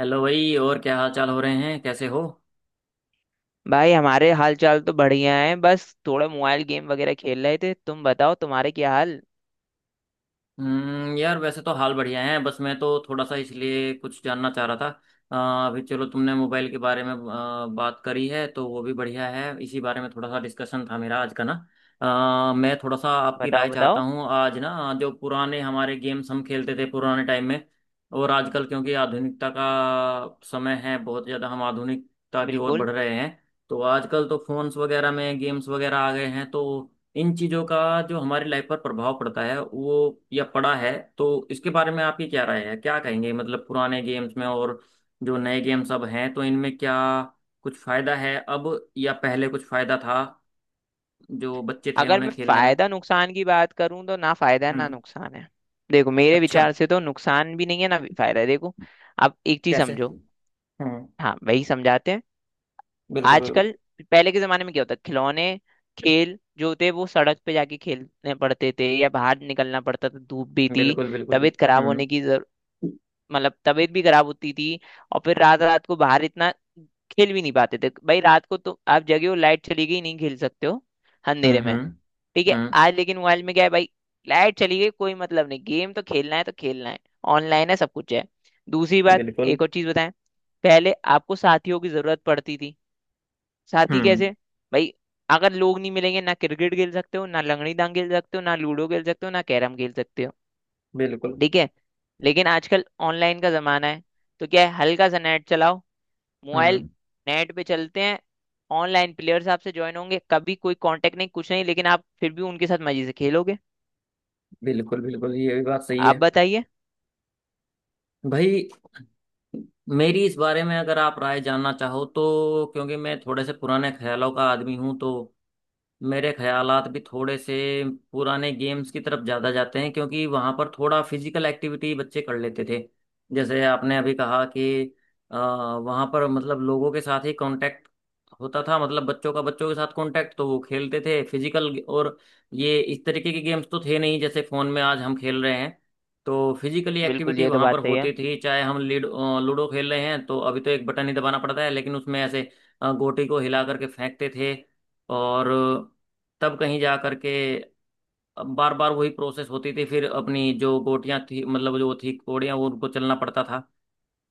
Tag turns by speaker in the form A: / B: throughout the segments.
A: Hello भाई। और क्या हाल चाल हो रहे हैं, कैसे हो?
B: भाई हमारे हाल चाल तो बढ़िया है, बस थोड़ा मोबाइल गेम वगैरह खेल रहे थे। तुम बताओ, तुम्हारे क्या हाल।
A: हम्म, यार वैसे तो हाल बढ़िया है, बस मैं तो थोड़ा सा इसलिए कुछ जानना चाह रहा था। अभी चलो तुमने मोबाइल के बारे में बात करी है तो वो भी बढ़िया है। इसी बारे में थोड़ा सा डिस्कशन था मेरा आज का ना। मैं थोड़ा सा आपकी
B: बताओ
A: राय चाहता
B: बताओ।
A: हूँ आज ना। जो पुराने हमारे गेम्स हम खेलते थे पुराने टाइम में, और आजकल, क्योंकि आधुनिकता का समय है, बहुत ज़्यादा हम आधुनिकता की ओर
B: बिल्कुल।
A: बढ़ रहे हैं। तो आजकल तो फोन्स वगैरह में गेम्स वगैरह आ गए हैं, तो इन चीज़ों का जो हमारी लाइफ पर प्रभाव पड़ता है वो, या पड़ा है, तो इसके बारे में आपकी क्या राय है, क्या कहेंगे? मतलब पुराने गेम्स में और जो नए गेम्स अब हैं तो इनमें क्या कुछ फायदा है अब, या पहले कुछ फायदा था जो बच्चे थे
B: अगर मैं
A: उन्हें खेलने में?
B: फायदा नुकसान की बात करूं तो ना फायदा है ना
A: हम्म।
B: नुकसान है। देखो, मेरे
A: अच्छा।
B: विचार से तो नुकसान भी नहीं है ना भी फायदा है। देखो, अब एक चीज
A: कैसे?
B: समझो।
A: हम्म।
B: हाँ, वही समझाते हैं।
A: बिल्कुल बिल्कुल
B: आजकल, पहले के जमाने में क्या होता, खिलौने, खेल जो थे वो सड़क पे जाके खेलने पड़ते थे या बाहर निकलना पड़ता था, धूप भी थी,
A: बिल्कुल। बिल्कुल
B: तबीयत
A: बिल्कुल।
B: खराब
A: हम्म।
B: होने की, मतलब तबीयत भी खराब होती थी। और फिर रात रात को बाहर इतना खेल भी नहीं पाते थे भाई, रात को तो आप जगे हो, लाइट चली गई नहीं खेल सकते हो
A: हम्म।
B: अंधेरे में।
A: हम्म।
B: ठीक है,
A: हम्म।
B: आज लेकिन मोबाइल में क्या है भाई, लाइट चली गई कोई मतलब नहीं, गेम तो खेलना है तो खेलना है, ऑनलाइन है सब कुछ है। दूसरी बात,
A: बिल्कुल।
B: एक और चीज बताएं, पहले आपको साथियों की जरूरत पड़ती थी। साथी कैसे
A: हम्म।
B: भाई, अगर लोग नहीं मिलेंगे ना, क्रिकेट खेल सकते हो, ना लंगड़ी डांग खेल सकते हो, ना लूडो खेल सकते हो, ना कैरम खेल सकते हो।
A: बिल्कुल।
B: ठीक है, लेकिन आजकल ऑनलाइन का जमाना है, तो क्या है हल्का सा नेट चलाओ, मोबाइल
A: हम्म।
B: नेट पे चलते हैं, ऑनलाइन प्लेयर्स आपसे ज्वाइन होंगे, कभी कोई कांटेक्ट नहीं कुछ नहीं, लेकिन आप फिर भी उनके साथ मजे से खेलोगे।
A: बिल्कुल बिल्कुल, ये भी बात सही
B: आप
A: है।
B: बताइए।
A: भाई, मेरी इस बारे में अगर आप राय जानना चाहो, तो क्योंकि मैं थोड़े से पुराने ख्यालों का आदमी हूँ, तो मेरे ख्यालात भी थोड़े से पुराने गेम्स की तरफ ज़्यादा जाते हैं। क्योंकि वहाँ पर थोड़ा फिजिकल एक्टिविटी बच्चे कर लेते थे। जैसे आपने अभी कहा कि वहाँ पर मतलब लोगों के साथ ही कांटेक्ट होता था। मतलब बच्चों का बच्चों के साथ कांटेक्ट, तो वो खेलते थे फिजिकल। और ये इस तरीके के गेम्स तो थे नहीं जैसे फ़ोन में आज हम खेल रहे हैं। तो फिजिकली
B: बिल्कुल,
A: एक्टिविटी
B: ये तो
A: वहाँ पर
B: बात सही है।
A: होती थी। चाहे हम लूडो लूडो खेल रहे हैं, तो अभी तो एक बटन ही दबाना पड़ता है, लेकिन उसमें ऐसे गोटी को हिला करके फेंकते थे, और तब कहीं जा करके बार बार वही प्रोसेस होती थी। फिर अपनी जो गोटियां थी, मतलब जो थी कोड़ियां, वो उनको चलना पड़ता था।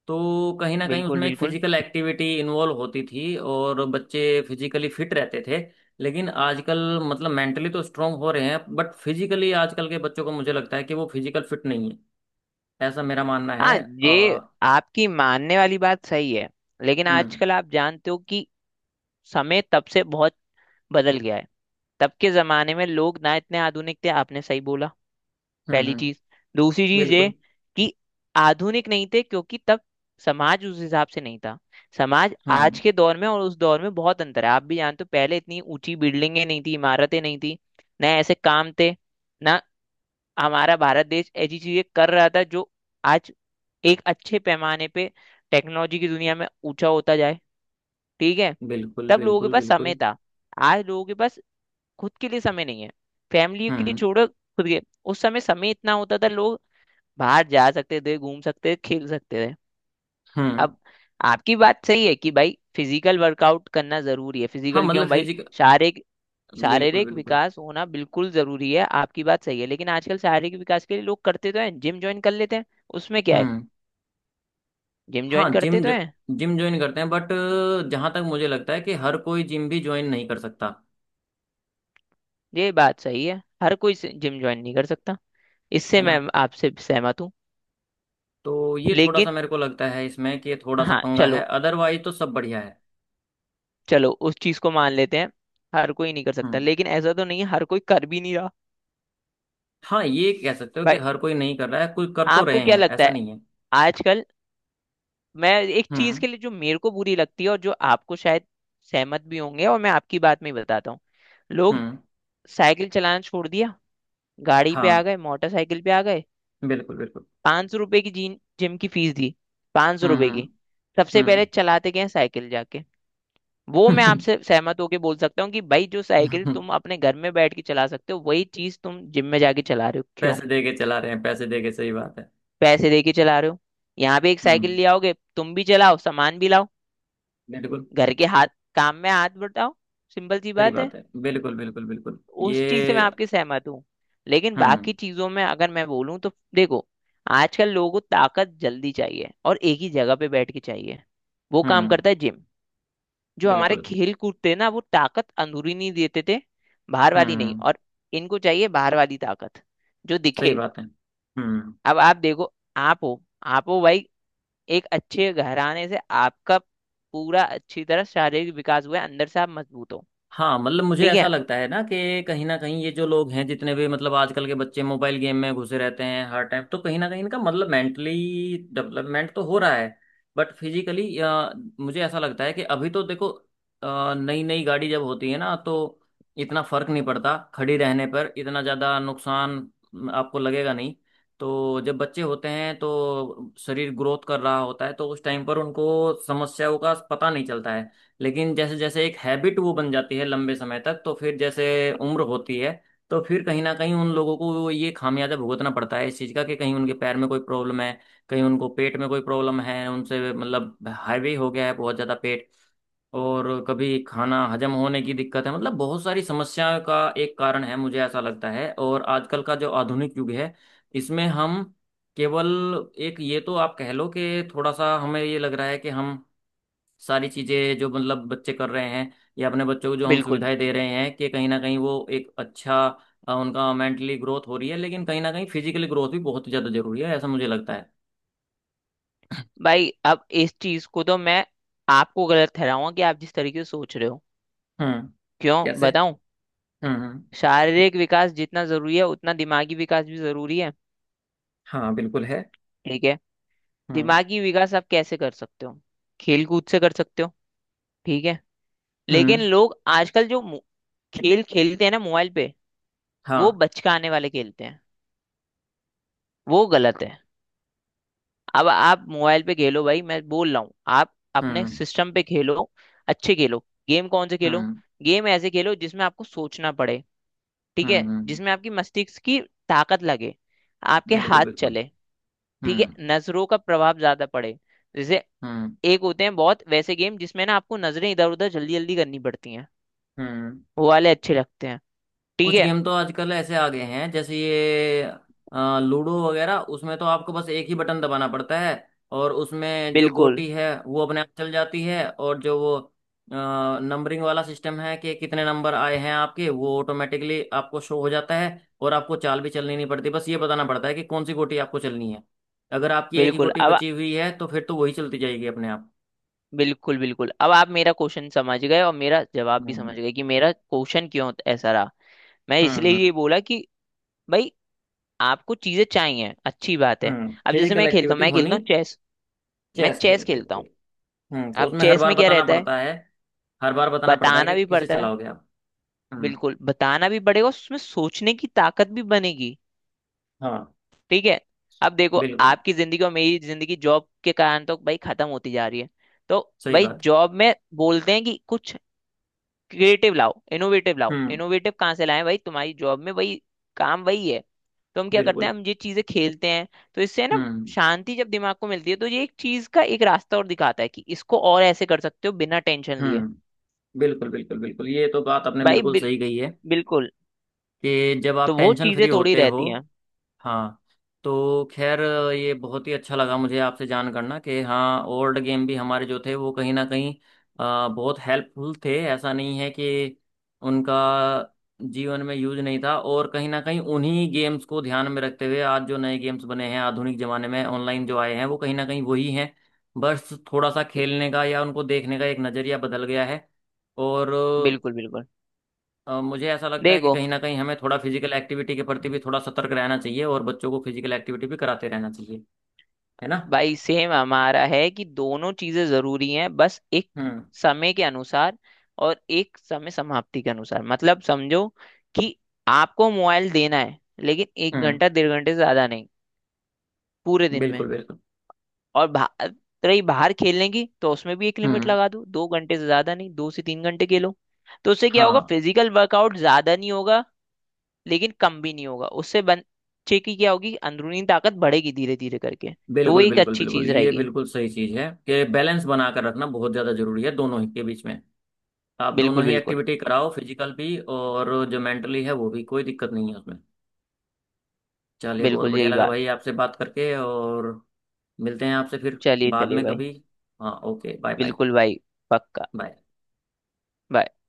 A: तो कहीं ना कहीं
B: बिल्कुल
A: उसमें एक
B: बिल्कुल।
A: फिजिकल एक्टिविटी इन्वॉल्व होती थी और बच्चे फिजिकली फिट रहते थे। लेकिन आजकल, मतलब मेंटली तो स्ट्रांग हो रहे हैं, बट फिजिकली आजकल के बच्चों को मुझे लगता है कि वो फिजिकल फिट नहीं है। ऐसा मेरा मानना है।
B: हाँ, ये
A: अ,
B: आपकी मानने वाली बात सही है, लेकिन
A: हम्म।
B: आजकल आप जानते हो कि समय तब से बहुत बदल गया है। तब के जमाने में लोग ना इतने आधुनिक थे, आपने सही बोला।
A: हम्म।
B: पहली
A: हम्म।
B: चीज, दूसरी चीज ये
A: बिल्कुल।
B: कि आधुनिक नहीं थे क्योंकि तब समाज उस हिसाब से नहीं था। समाज आज
A: हम्म।
B: के दौर में और उस दौर में बहुत अंतर है, आप भी जानते हो, पहले इतनी ऊंची बिल्डिंगें नहीं थी, इमारतें नहीं थी, ना ऐसे काम थे, ना हमारा भारत देश ऐसी चीजें कर रहा था जो आज एक अच्छे पैमाने पे टेक्नोलॉजी की दुनिया में ऊंचा होता जाए। ठीक है,
A: बिल्कुल
B: तब लोगों के
A: बिल्कुल
B: पास समय
A: बिल्कुल।
B: था, आज लोगों के पास खुद के लिए समय नहीं है, फैमिली के लिए
A: हम्म।
B: छोड़ो खुद के। उस समय समय इतना होता था लोग बाहर जा सकते थे, घूम सकते थे, खेल सकते थे।
A: हम्म।
B: अब, आपकी बात सही है कि भाई फिजिकल वर्कआउट करना जरूरी है।
A: हाँ,
B: फिजिकल
A: मतलब
B: क्यों भाई,
A: फिजिकल।
B: शारीरिक,
A: बिल्कुल
B: शारीरिक
A: बिल्कुल।
B: विकास होना बिल्कुल जरूरी है, आपकी बात सही है, लेकिन आजकल शारीरिक विकास के लिए लोग करते तो हैं, जिम ज्वाइन कर लेते हैं। उसमें क्या है,
A: हम्म।
B: जिम
A: हाँ,
B: ज्वाइन करते तो हैं।
A: जिम ज्वाइन करते हैं, बट जहाँ तक मुझे लगता है कि हर कोई जिम भी ज्वाइन नहीं कर सकता।
B: ये बात सही है, हर कोई जिम ज्वाइन नहीं कर सकता, इससे
A: है
B: मैं
A: ना?
B: आपसे सहमत हूँ।
A: तो ये थोड़ा सा
B: लेकिन
A: मेरे को लगता है इसमें, कि ये थोड़ा सा
B: हाँ
A: पंगा है,
B: चलो,
A: अदरवाइज तो सब बढ़िया है।
B: चलो उस चीज को मान लेते हैं, हर कोई नहीं कर सकता,
A: हम्म।
B: लेकिन ऐसा तो नहीं है हर कोई कर भी नहीं रहा।
A: हाँ, ये कह सकते हो कि
B: भाई,
A: हर कोई नहीं कर रहा है, कोई कर तो
B: आपको
A: रहे
B: क्या
A: हैं,
B: लगता
A: ऐसा
B: है,
A: नहीं है।
B: आजकल, मैं एक चीज
A: हम्म।
B: के लिए जो मेरे को बुरी लगती है, और जो आपको शायद सहमत भी होंगे, और मैं आपकी बात में ही बताता हूँ। लोग
A: हम्म।
B: साइकिल चलाना छोड़ दिया, गाड़ी पे आ
A: हाँ।
B: गए, मोटरसाइकिल पे आ गए।
A: बिल्कुल बिल्कुल।
B: 500 रुपए की जीन जिम की फीस दी, 500 रुपए
A: हम्म।
B: की, सबसे पहले
A: हम्म।
B: चलाते गए साइकिल जाके। वो मैं
A: हम्म।
B: आपसे सहमत होके बोल सकता हूँ कि भाई जो साइकिल तुम अपने घर में बैठ के चला सकते हो वही चीज तुम जिम में जाके चला रहे हो क्यों,
A: पैसे दे के चला रहे हैं, पैसे दे के, सही बात है।
B: पैसे दे के चला रहे हो। यहाँ पे एक साइकिल
A: हम्म।
B: ले आओगे, तुम भी चलाओ, सामान भी लाओ,
A: बिल्कुल।
B: घर के हाथ, काम में हाथ बटाओ, सिंपल सी
A: सही
B: बात है।
A: बात है बिल्कुल बिल्कुल बिल्कुल ये।
B: उस चीज से मैं आपके सहमत हूँ, लेकिन
A: हम्म।
B: बाकी चीजों में अगर मैं बोलूँ तो देखो, आजकल लोगों को ताकत जल्दी चाहिए और एक ही जगह पे बैठ के चाहिए, वो काम
A: हम्म।
B: करता है जिम। जो हमारे
A: बिल्कुल।
B: खेल कूद थे ना वो ताकत अंदरूनी नहीं देते थे, बाहर वाली नहीं,
A: हम्म।
B: और इनको चाहिए बाहर वाली ताकत, जो
A: सही
B: दिखे।
A: बात है। हम्म।
B: अब आप देखो, आप हो, आप हो भाई एक अच्छे घराने से, आपका पूरा अच्छी तरह शारीरिक विकास हुआ है, अंदर से आप मजबूत हो।
A: हाँ, मतलब मुझे
B: ठीक
A: ऐसा
B: है,
A: लगता है ना, कि कहीं ना कहीं ये जो लोग हैं, जितने भी मतलब आजकल के बच्चे मोबाइल गेम में घुसे रहते हैं हर टाइम, तो कहीं ना कहीं इनका मतलब मेंटली डेवलपमेंट तो हो रहा है, बट फिजिकली मुझे ऐसा लगता है कि अभी तो देखो नई नई गाड़ी जब होती है ना, तो इतना फर्क नहीं पड़ता, खड़ी रहने पर इतना ज़्यादा नुकसान आपको लगेगा नहीं। तो जब बच्चे होते हैं तो शरीर ग्रोथ कर रहा होता है, तो उस टाइम पर उनको समस्याओं का पता नहीं चलता है। लेकिन जैसे जैसे एक हैबिट वो बन जाती है लंबे समय तक, तो फिर जैसे उम्र होती है, तो फिर कहीं ना कहीं उन लोगों को ये खामियाजा भुगतना पड़ता है इस चीज़ का, कि कहीं उनके पैर में कोई प्रॉब्लम है, कहीं उनको पेट में कोई प्रॉब्लम है, उनसे मतलब हाईवे हो गया है बहुत ज़्यादा पेट, और कभी खाना हजम होने की दिक्कत है। मतलब बहुत सारी समस्याओं का एक कारण है मुझे ऐसा लगता है। और आजकल का जो आधुनिक युग है, इसमें हम केवल एक, ये तो आप कह लो कि थोड़ा सा हमें ये लग रहा है कि हम सारी चीजें जो मतलब बच्चे कर रहे हैं, या अपने बच्चों को जो हम
B: बिल्कुल।
A: सुविधाएं दे रहे हैं, कि कहीं ना कहीं वो एक अच्छा उनका मेंटली ग्रोथ हो रही है, लेकिन कहीं ना कहीं फिजिकली ग्रोथ भी बहुत ज्यादा जरूरी है, ऐसा मुझे लगता है।
B: भाई, अब इस चीज को तो मैं आपको गलत ठहराऊंगा कि आप जिस तरीके से सोच रहे हो।
A: हम्म।
B: क्यों
A: कैसे?
B: बताऊं,
A: हम्म। हम्म।
B: शारीरिक विकास जितना जरूरी है उतना दिमागी विकास भी जरूरी है।
A: हाँ, बिल्कुल है।
B: ठीक है,
A: हम्म।
B: दिमागी विकास आप कैसे कर सकते हो, खेल कूद से कर सकते हो। ठीक है, लेकिन
A: हम्म।
B: लोग आजकल जो खेल खेलते हैं ना मोबाइल पे, वो
A: हाँ।
B: बचकाने वाले खेलते हैं, वो गलत है। अब आप मोबाइल पे खेलो भाई, मैं बोल रहा हूँ आप अपने
A: हम्म।
B: सिस्टम पे खेलो, अच्छे खेलो। गेम कौन से खेलो,
A: हम्म।
B: गेम ऐसे खेलो जिसमें आपको सोचना पड़े। ठीक है,
A: हम्म। हम्म।
B: जिसमें आपकी मस्तिष्क की ताकत लगे, आपके
A: बिल्कुल
B: हाथ
A: बिल्कुल।
B: चले। ठीक है,
A: हम्म।
B: नजरों का प्रभाव ज्यादा पड़े। जैसे
A: हम्म।
B: एक होते हैं बहुत वैसे गेम जिसमें ना आपको नजरें इधर उधर जल्दी जल्दी करनी पड़ती हैं,
A: हम्म।
B: वो वाले अच्छे लगते हैं। ठीक
A: कुछ
B: है,
A: गेम तो आजकल ऐसे आ गए हैं, जैसे ये लूडो वगैरह, उसमें तो आपको बस एक ही बटन दबाना पड़ता है, और उसमें जो
B: बिल्कुल
A: गोटी है वो अपने आप चल जाती है, और जो वो नंबरिंग वाला सिस्टम है कि कितने नंबर आए हैं आपके, वो ऑटोमेटिकली आपको शो हो जाता है, और आपको चाल भी चलनी नहीं पड़ती, बस ये बताना पड़ता है कि कौन सी गोटी आपको चलनी है। अगर आपकी एक ही
B: बिल्कुल।
A: गोटी
B: अब,
A: बची हुई है तो फिर तो वही चलती जाएगी अपने आप।
B: बिल्कुल बिल्कुल, अब आप मेरा क्वेश्चन समझ गए और मेरा जवाब भी समझ
A: हम्म।
B: गए कि मेरा क्वेश्चन क्यों ऐसा रहा। मैं इसलिए
A: हम्म।
B: ये बोला कि भाई, आपको चीजें चाहिए, अच्छी बात है।
A: हम्म,
B: अब जैसे
A: फिजिकल
B: मैं खेलता हूँ,
A: एक्टिविटी
B: मैं खेलता
A: होनी।
B: हूँ चेस, मैं
A: चेस
B: चेस
A: खेलते
B: खेलता
A: हुए।
B: हूँ।
A: हम्म, तो
B: अब
A: उसमें हर
B: चेस
A: बार
B: में क्या
A: बताना
B: रहता है,
A: पड़ता है। हर बार बताना पड़ता है
B: बताना
A: कि
B: भी
A: किसे
B: पड़ता है,
A: चलाओगे आप। हम्म।
B: बिल्कुल बताना भी पड़ेगा, उसमें सोचने की ताकत भी बनेगी।
A: हाँ।
B: ठीक है, अब देखो,
A: बिल्कुल।
B: आपकी जिंदगी और मेरी जिंदगी जॉब के कारण तो भाई खत्म होती जा रही है। तो
A: सही
B: भाई,
A: बात।
B: जॉब में बोलते हैं कि कुछ क्रिएटिव लाओ, इनोवेटिव लाओ,
A: हम्म।
B: इनोवेटिव कहाँ से लाए भाई, तुम्हारी जॉब में वही काम वही है। तो हम क्या करते
A: बिल्कुल।
B: हैं, हम ये चीजें खेलते हैं। तो इससे है ना,
A: हम्म।
B: शांति जब दिमाग को मिलती है तो ये एक चीज का एक रास्ता और दिखाता है कि इसको और ऐसे कर सकते हो बिना टेंशन लिए।
A: हम्म। बिल्कुल बिल्कुल बिल्कुल ये तो बात आपने
B: भाई
A: बिल्कुल
B: बिल,
A: सही कही है,
B: बिल्कुल,
A: कि जब आप
B: तो वो
A: टेंशन फ्री
B: चीजें थोड़ी
A: होते हो।
B: रहती हैं।
A: हाँ। तो खैर, ये बहुत ही अच्छा लगा मुझे आपसे जान करना, कि हाँ, ओल्ड गेम भी हमारे जो थे वो कहीं ना कहीं बहुत हेल्पफुल थे, ऐसा नहीं है कि उनका जीवन में यूज नहीं था। और कहीं ना कहीं उन्हीं गेम्स को ध्यान में रखते हुए आज जो नए गेम्स बने हैं आधुनिक जमाने में, ऑनलाइन जो आए हैं, वो कहीं ना कहीं वही हैं। बस थोड़ा सा खेलने का या उनको देखने का एक नज़रिया बदल गया है। और
B: बिल्कुल बिल्कुल।
A: मुझे ऐसा लगता है कि
B: देखो
A: कहीं ना कहीं हमें थोड़ा फिजिकल एक्टिविटी के प्रति भी थोड़ा सतर्क रहना चाहिए, और बच्चों को फिजिकल एक्टिविटी भी कराते रहना चाहिए। है ना?
B: भाई, सेम हमारा है कि दोनों चीजें जरूरी हैं, बस एक
A: हम्म।
B: समय के अनुसार, और एक समय समाप्ति के अनुसार, मतलब समझो कि आपको मोबाइल देना है, लेकिन एक
A: हम्म।
B: घंटा 1.5 घंटे से ज्यादा नहीं, पूरे दिन में।
A: बिल्कुल बिल्कुल।
B: और बाहर, रही बाहर खेलने की, तो उसमें भी एक लिमिट
A: हम्म।
B: लगा दो, 2 घंटे से ज्यादा नहीं, 2 से 3 घंटे खेलो। तो उससे क्या होगा,
A: हाँ,
B: फिजिकल वर्कआउट ज्यादा नहीं होगा, लेकिन कम भी नहीं होगा, उससे बच्चे की क्या होगी अंदरूनी ताकत बढ़ेगी धीरे धीरे करके। तो वो
A: बिल्कुल
B: एक
A: बिल्कुल
B: अच्छी
A: बिल्कुल,
B: चीज
A: ये
B: रहेगी।
A: बिल्कुल सही चीज़ है कि बैलेंस बना कर रखना बहुत ज़्यादा जरूरी है दोनों ही के बीच में। आप
B: बिल्कुल
A: दोनों ही
B: बिल्कुल।
A: एक्टिविटी कराओ, फिजिकल भी, और जो मेंटली है वो भी, कोई दिक्कत नहीं है उसमें। चलिए, बहुत
B: बिल्कुल
A: बढ़िया
B: यही
A: लगा
B: बात,
A: भाई आपसे बात करके। और मिलते हैं आपसे फिर
B: चलिए
A: बाद
B: चलिए
A: में
B: भाई,
A: कभी। हाँ, ओके, बाय बाय।
B: बिल्कुल भाई, पक्का।
A: बाय।
B: Bye।